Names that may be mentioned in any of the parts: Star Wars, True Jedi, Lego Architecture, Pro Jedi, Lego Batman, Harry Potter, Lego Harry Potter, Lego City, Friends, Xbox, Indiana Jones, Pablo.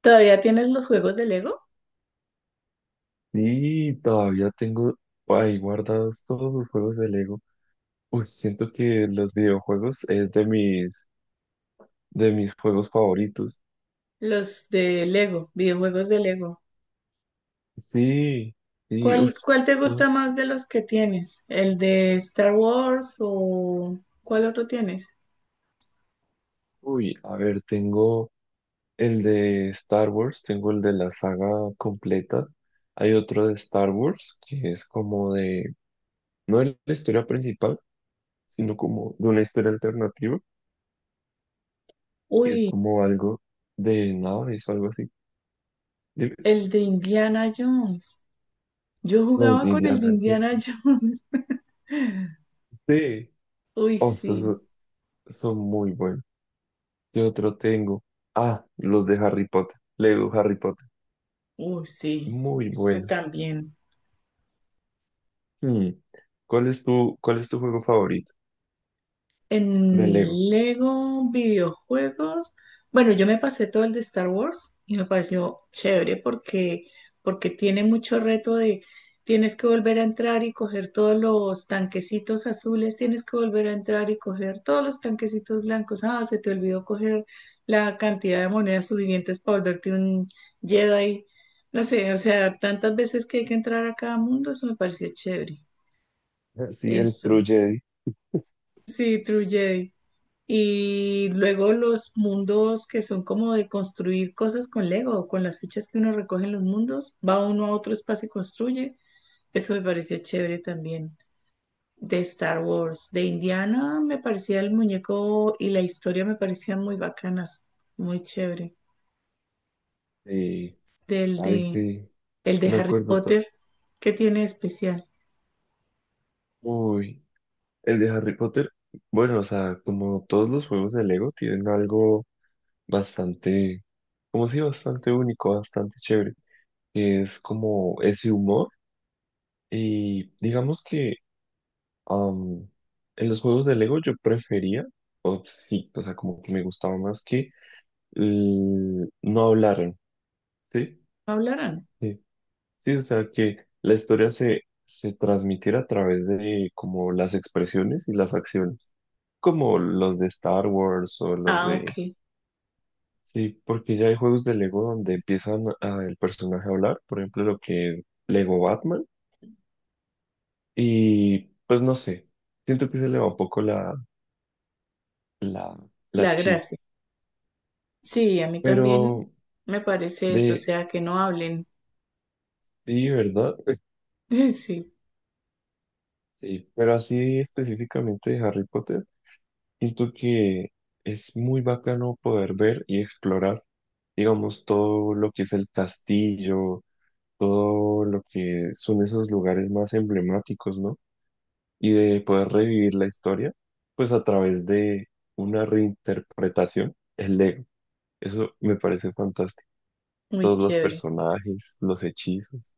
¿Todavía tienes los juegos de Lego? Sí, todavía tengo ahí guardados todos los juegos de Lego. Uy, siento que los videojuegos es de mis juegos favoritos. Los de Lego, videojuegos de Lego. Sí, sí, uy, ¿Cuál te ah, gusta más de los que tienes? ¿El de Star Wars o cuál otro tienes? A ver, tengo el de Star Wars, tengo el de la saga completa. Hay otro de Star Wars que es como de, no de la historia principal, sino como de una historia alternativa, que es Uy, como algo de naves o algo así. Dime, el de Indiana Jones. Yo los jugaba de con el de Indiana Indiana Jones. Jones. Sí. Uy, Oh, sí. son muy buenos. ¿Qué otro tengo? Ah, los de Harry Potter. Lego Harry Potter. Uy, sí. Muy Este buenos. también. Hmm. Cuál es tu juego favorito de En Lego? Lego videojuegos, bueno, yo me pasé todo el de Star Wars y me pareció chévere porque tiene mucho reto de tienes que volver a entrar y coger todos los tanquecitos azules, tienes que volver a entrar y coger todos los tanquecitos blancos. Ah, se te olvidó coger la cantidad de monedas suficientes para volverte un Jedi. No sé, o sea, tantas veces que hay que entrar a cada mundo, eso me pareció chévere. Sí, el Eso. Pro Jedi. Sí, True Jedi. Y luego los mundos que son como de construir cosas con Lego, o con las fichas que uno recoge en los mundos, va uno a otro espacio y construye. Eso me pareció chévere también. De Star Wars, de Indiana me parecía el muñeco y la historia me parecían muy bacanas, muy chévere. Eh, Del a de, veces el de me Harry acuerdo. Potter, ¿qué tiene de especial? Uy, el de Harry Potter. Bueno, o sea, como todos los juegos de Lego tienen algo bastante, como si bastante único, bastante chévere, que es como ese humor. Y digamos que, Am, en los juegos de Lego yo prefería, o sí, o sea, como que me gustaba más que no hablaran, ¿sí? ¿No hablarán? Sí, sí, o sea, que la historia se transmitiera a través de como las expresiones y las acciones, como los de Star Wars o los Ah, de... ok. Sí, porque ya hay juegos de Lego donde empiezan el personaje a hablar, por ejemplo, lo que es Lego Batman, y pues no sé, siento que se le va un poco la, la La chispa. gracia. Sí, a mí también Pero me parece eso, o de, sea, que no hablen. sí, ¿verdad? Sí, Sí, pero así específicamente de Harry Potter, siento que es muy bacano poder ver y explorar, digamos, todo lo que es el castillo, todo lo que son esos lugares más emblemáticos, ¿no? Y de poder revivir la historia, pues a través de una reinterpretación, el Lego. Eso me parece fantástico. muy Todos los chévere. personajes, los hechizos.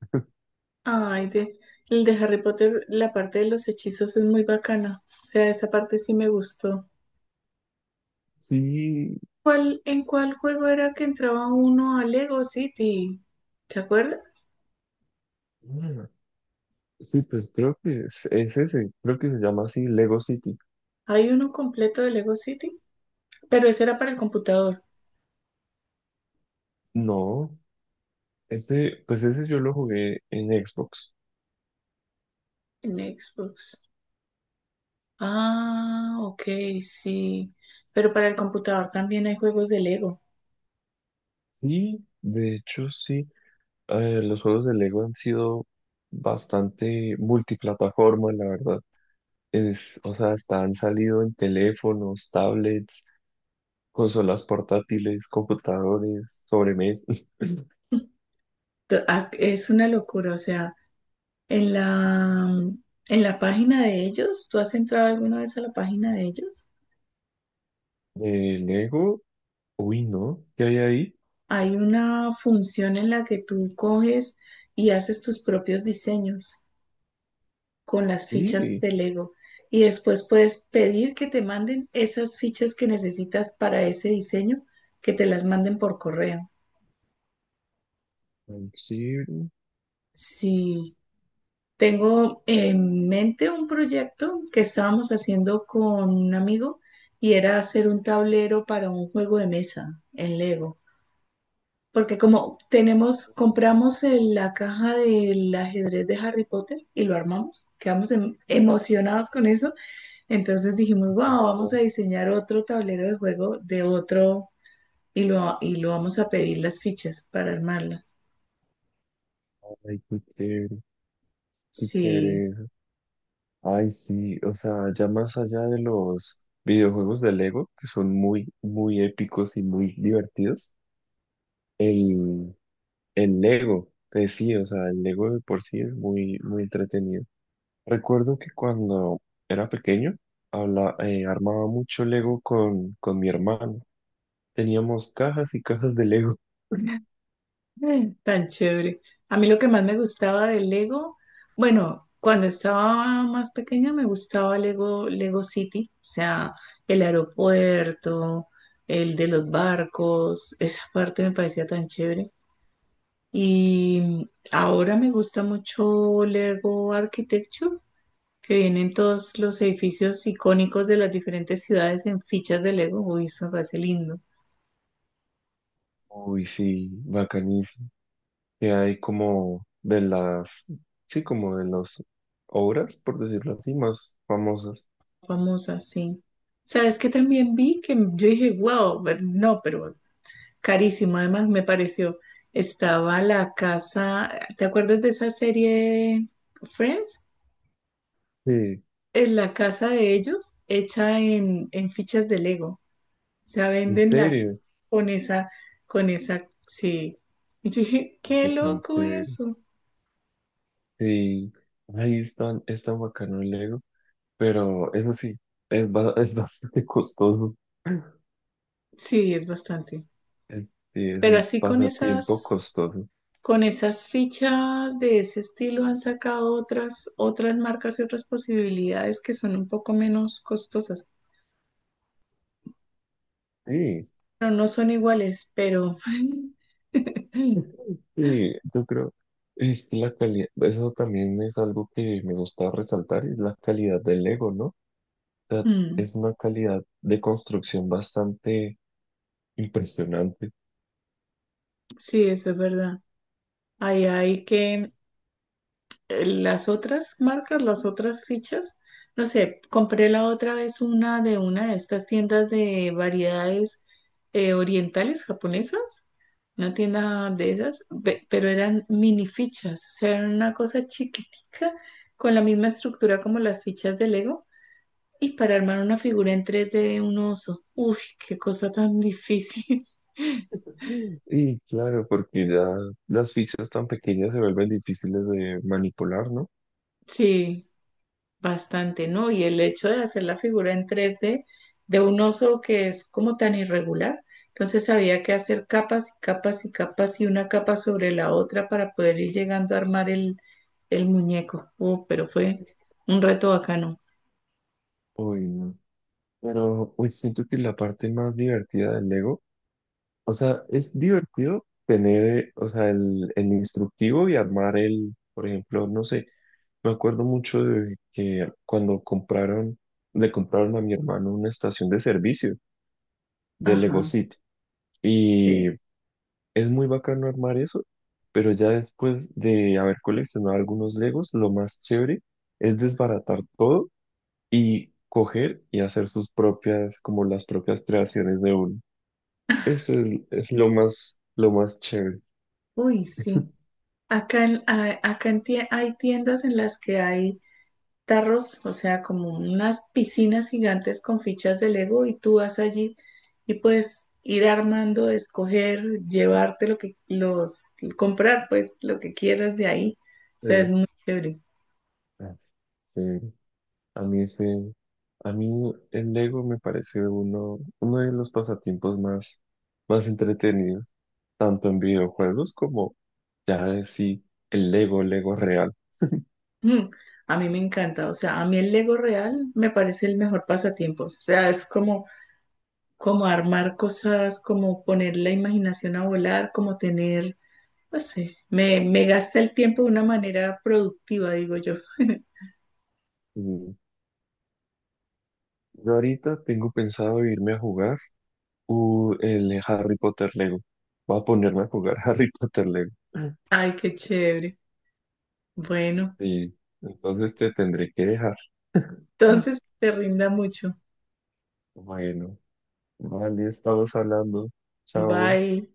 Ay, de, el de Harry Potter, la parte de los hechizos es muy bacana. O sea, esa parte sí me gustó. Sí, ¿En cuál juego era que entraba uno a Lego City? ¿Te acuerdas? sí, pues creo que es ese, creo que se llama así Lego City. Hay uno completo de Lego City, pero ese era para el computador, No, este, pues ese yo lo jugué en Xbox. en Xbox. Ah, ok, sí. Pero para el computador también hay juegos de Lego. Sí, de hecho sí, los juegos de Lego han sido bastante multiplataforma, la verdad. Es, o sea, hasta han salido en teléfonos, tablets, consolas portátiles, computadores, sobremesas. Es una locura, o sea. En la, en la página de ellos, ¿tú has entrado alguna vez a la página de ellos? De Lego, uy, ¿no? ¿Qué hay ahí? Hay una función en la que tú coges y haces tus propios diseños con las fichas Sí, de Lego y después puedes pedir que te manden esas fichas que necesitas para ese diseño, que te las manden por correo. ay, sí, Sí, tengo en mente un proyecto que estábamos haciendo con un amigo y era hacer un tablero para un juego de mesa en Lego. Porque como tenemos, compramos la caja del ajedrez de Harry Potter y lo armamos, quedamos emocionados con eso, entonces dijimos, wow, pero vamos no, a diseñar otro tablero de juego de otro y lo vamos a pedir las fichas para armarlas. ay, qué chévere, qué Sí, chévere. Ay, sí, o sea, ya más allá de los videojuegos de Lego, que son muy, muy épicos y muy divertidos, el, el Lego, sí, o sea, el Lego de por sí es muy, muy entretenido. Recuerdo que cuando era pequeño, armaba mucho Lego con mi hermano. Teníamos cajas y cajas de Lego. tan chévere. A mí lo que más me gustaba del Lego, bueno, cuando estaba más pequeña me gustaba Lego City, o sea, el aeropuerto, el de los barcos, esa parte me parecía tan chévere. Y ahora me gusta mucho Lego Architecture, que vienen todos los edificios icónicos de las diferentes ciudades en fichas de Lego. Uy, eso me parece lindo. Uy, sí, bacanísimo. Que hay como de las, sí, como de las obras, por decirlo así, más famosas. Famosa, sí. Sabes que también vi que yo dije, wow, pero no, pero carísimo. Además, me pareció, estaba la casa, ¿te acuerdas de esa serie Friends? Sí, Es la casa de ellos hecha en fichas de Lego. O sea, ¿en venden la serio? con esa, con esa, sí. Y yo dije, qué Está tan loco chévere. eso. Sí, ahí es tan bacano el Lego, pero eso sí, es, es bastante costoso. Sí, es bastante. Es- Sí, es Pero un así con pasatiempo esas costoso. con esas fichas de ese estilo han sacado otras marcas y otras posibilidades que son un poco menos costosas. Sí, Pero no son iguales, pero sí, yo creo, es que la calidad, eso también es algo que me gusta resaltar, es la calidad del Lego, ¿no? O sea, mm, es una calidad de construcción bastante impresionante. sí, eso es verdad. Ahí hay que las otras marcas, las otras fichas, no sé, compré la otra vez una de estas tiendas de variedades orientales japonesas, una tienda de esas, pero eran mini fichas, o sea, eran una cosa chiquitica con la misma estructura como las fichas de Lego y para armar una figura en tres d de un oso. Uy, qué cosa tan difícil. Y claro, porque ya las fichas tan pequeñas se vuelven difíciles de manipular, ¿no? Sí. Bastante, ¿no? Y el hecho de hacer la figura en tres d de un oso que es como tan irregular, entonces había que hacer capas y capas y capas y una capa sobre la otra para poder ir llegando a armar el muñeco. Pero fue un reto bacano. Uy, no. Pero pues siento que la parte más divertida del Lego, o sea, es divertido tener, o sea, el instructivo y armar el, por ejemplo, no sé, me acuerdo mucho de que cuando compraron, le compraron a mi hermano una estación de servicio de Lego Ajá, City. sí. Es muy bacano armar eso, pero ya después de haber coleccionado algunos Legos, lo más chévere es desbaratar todo y coger y hacer sus propias, como las propias creaciones de uno. Eso es lo más chévere. Uy, sí. Acá hay tiendas en las que hay tarros, o sea, como unas piscinas gigantes con fichas de Lego y tú vas allí y puedes ir armando, escoger, llevarte lo que los comprar, pues lo que quieras de ahí. O sea, es Sí. muy chévere. Ah, sí. A mí ese, a mí el Lego me parece uno de los pasatiempos más, más entretenidos, tanto en videojuegos como ya de sí, el Lego, Lego real. Mm, a mí me encanta, o sea, a mí el Lego real me parece el mejor pasatiempo. O sea, es como como armar cosas, como poner la imaginación a volar, como tener, no sé, me gasta el tiempo de una manera productiva, digo yo. Mm, yo ahorita tengo pensado irme a jugar el Harry Potter Lego. Voy a ponerme a jugar Harry Potter Lego. Ay, qué chévere. Bueno, Sí, entonces te tendré que dejar. Mm. entonces te rinda mucho. Bueno, vale, estamos hablando. Chao. Bye.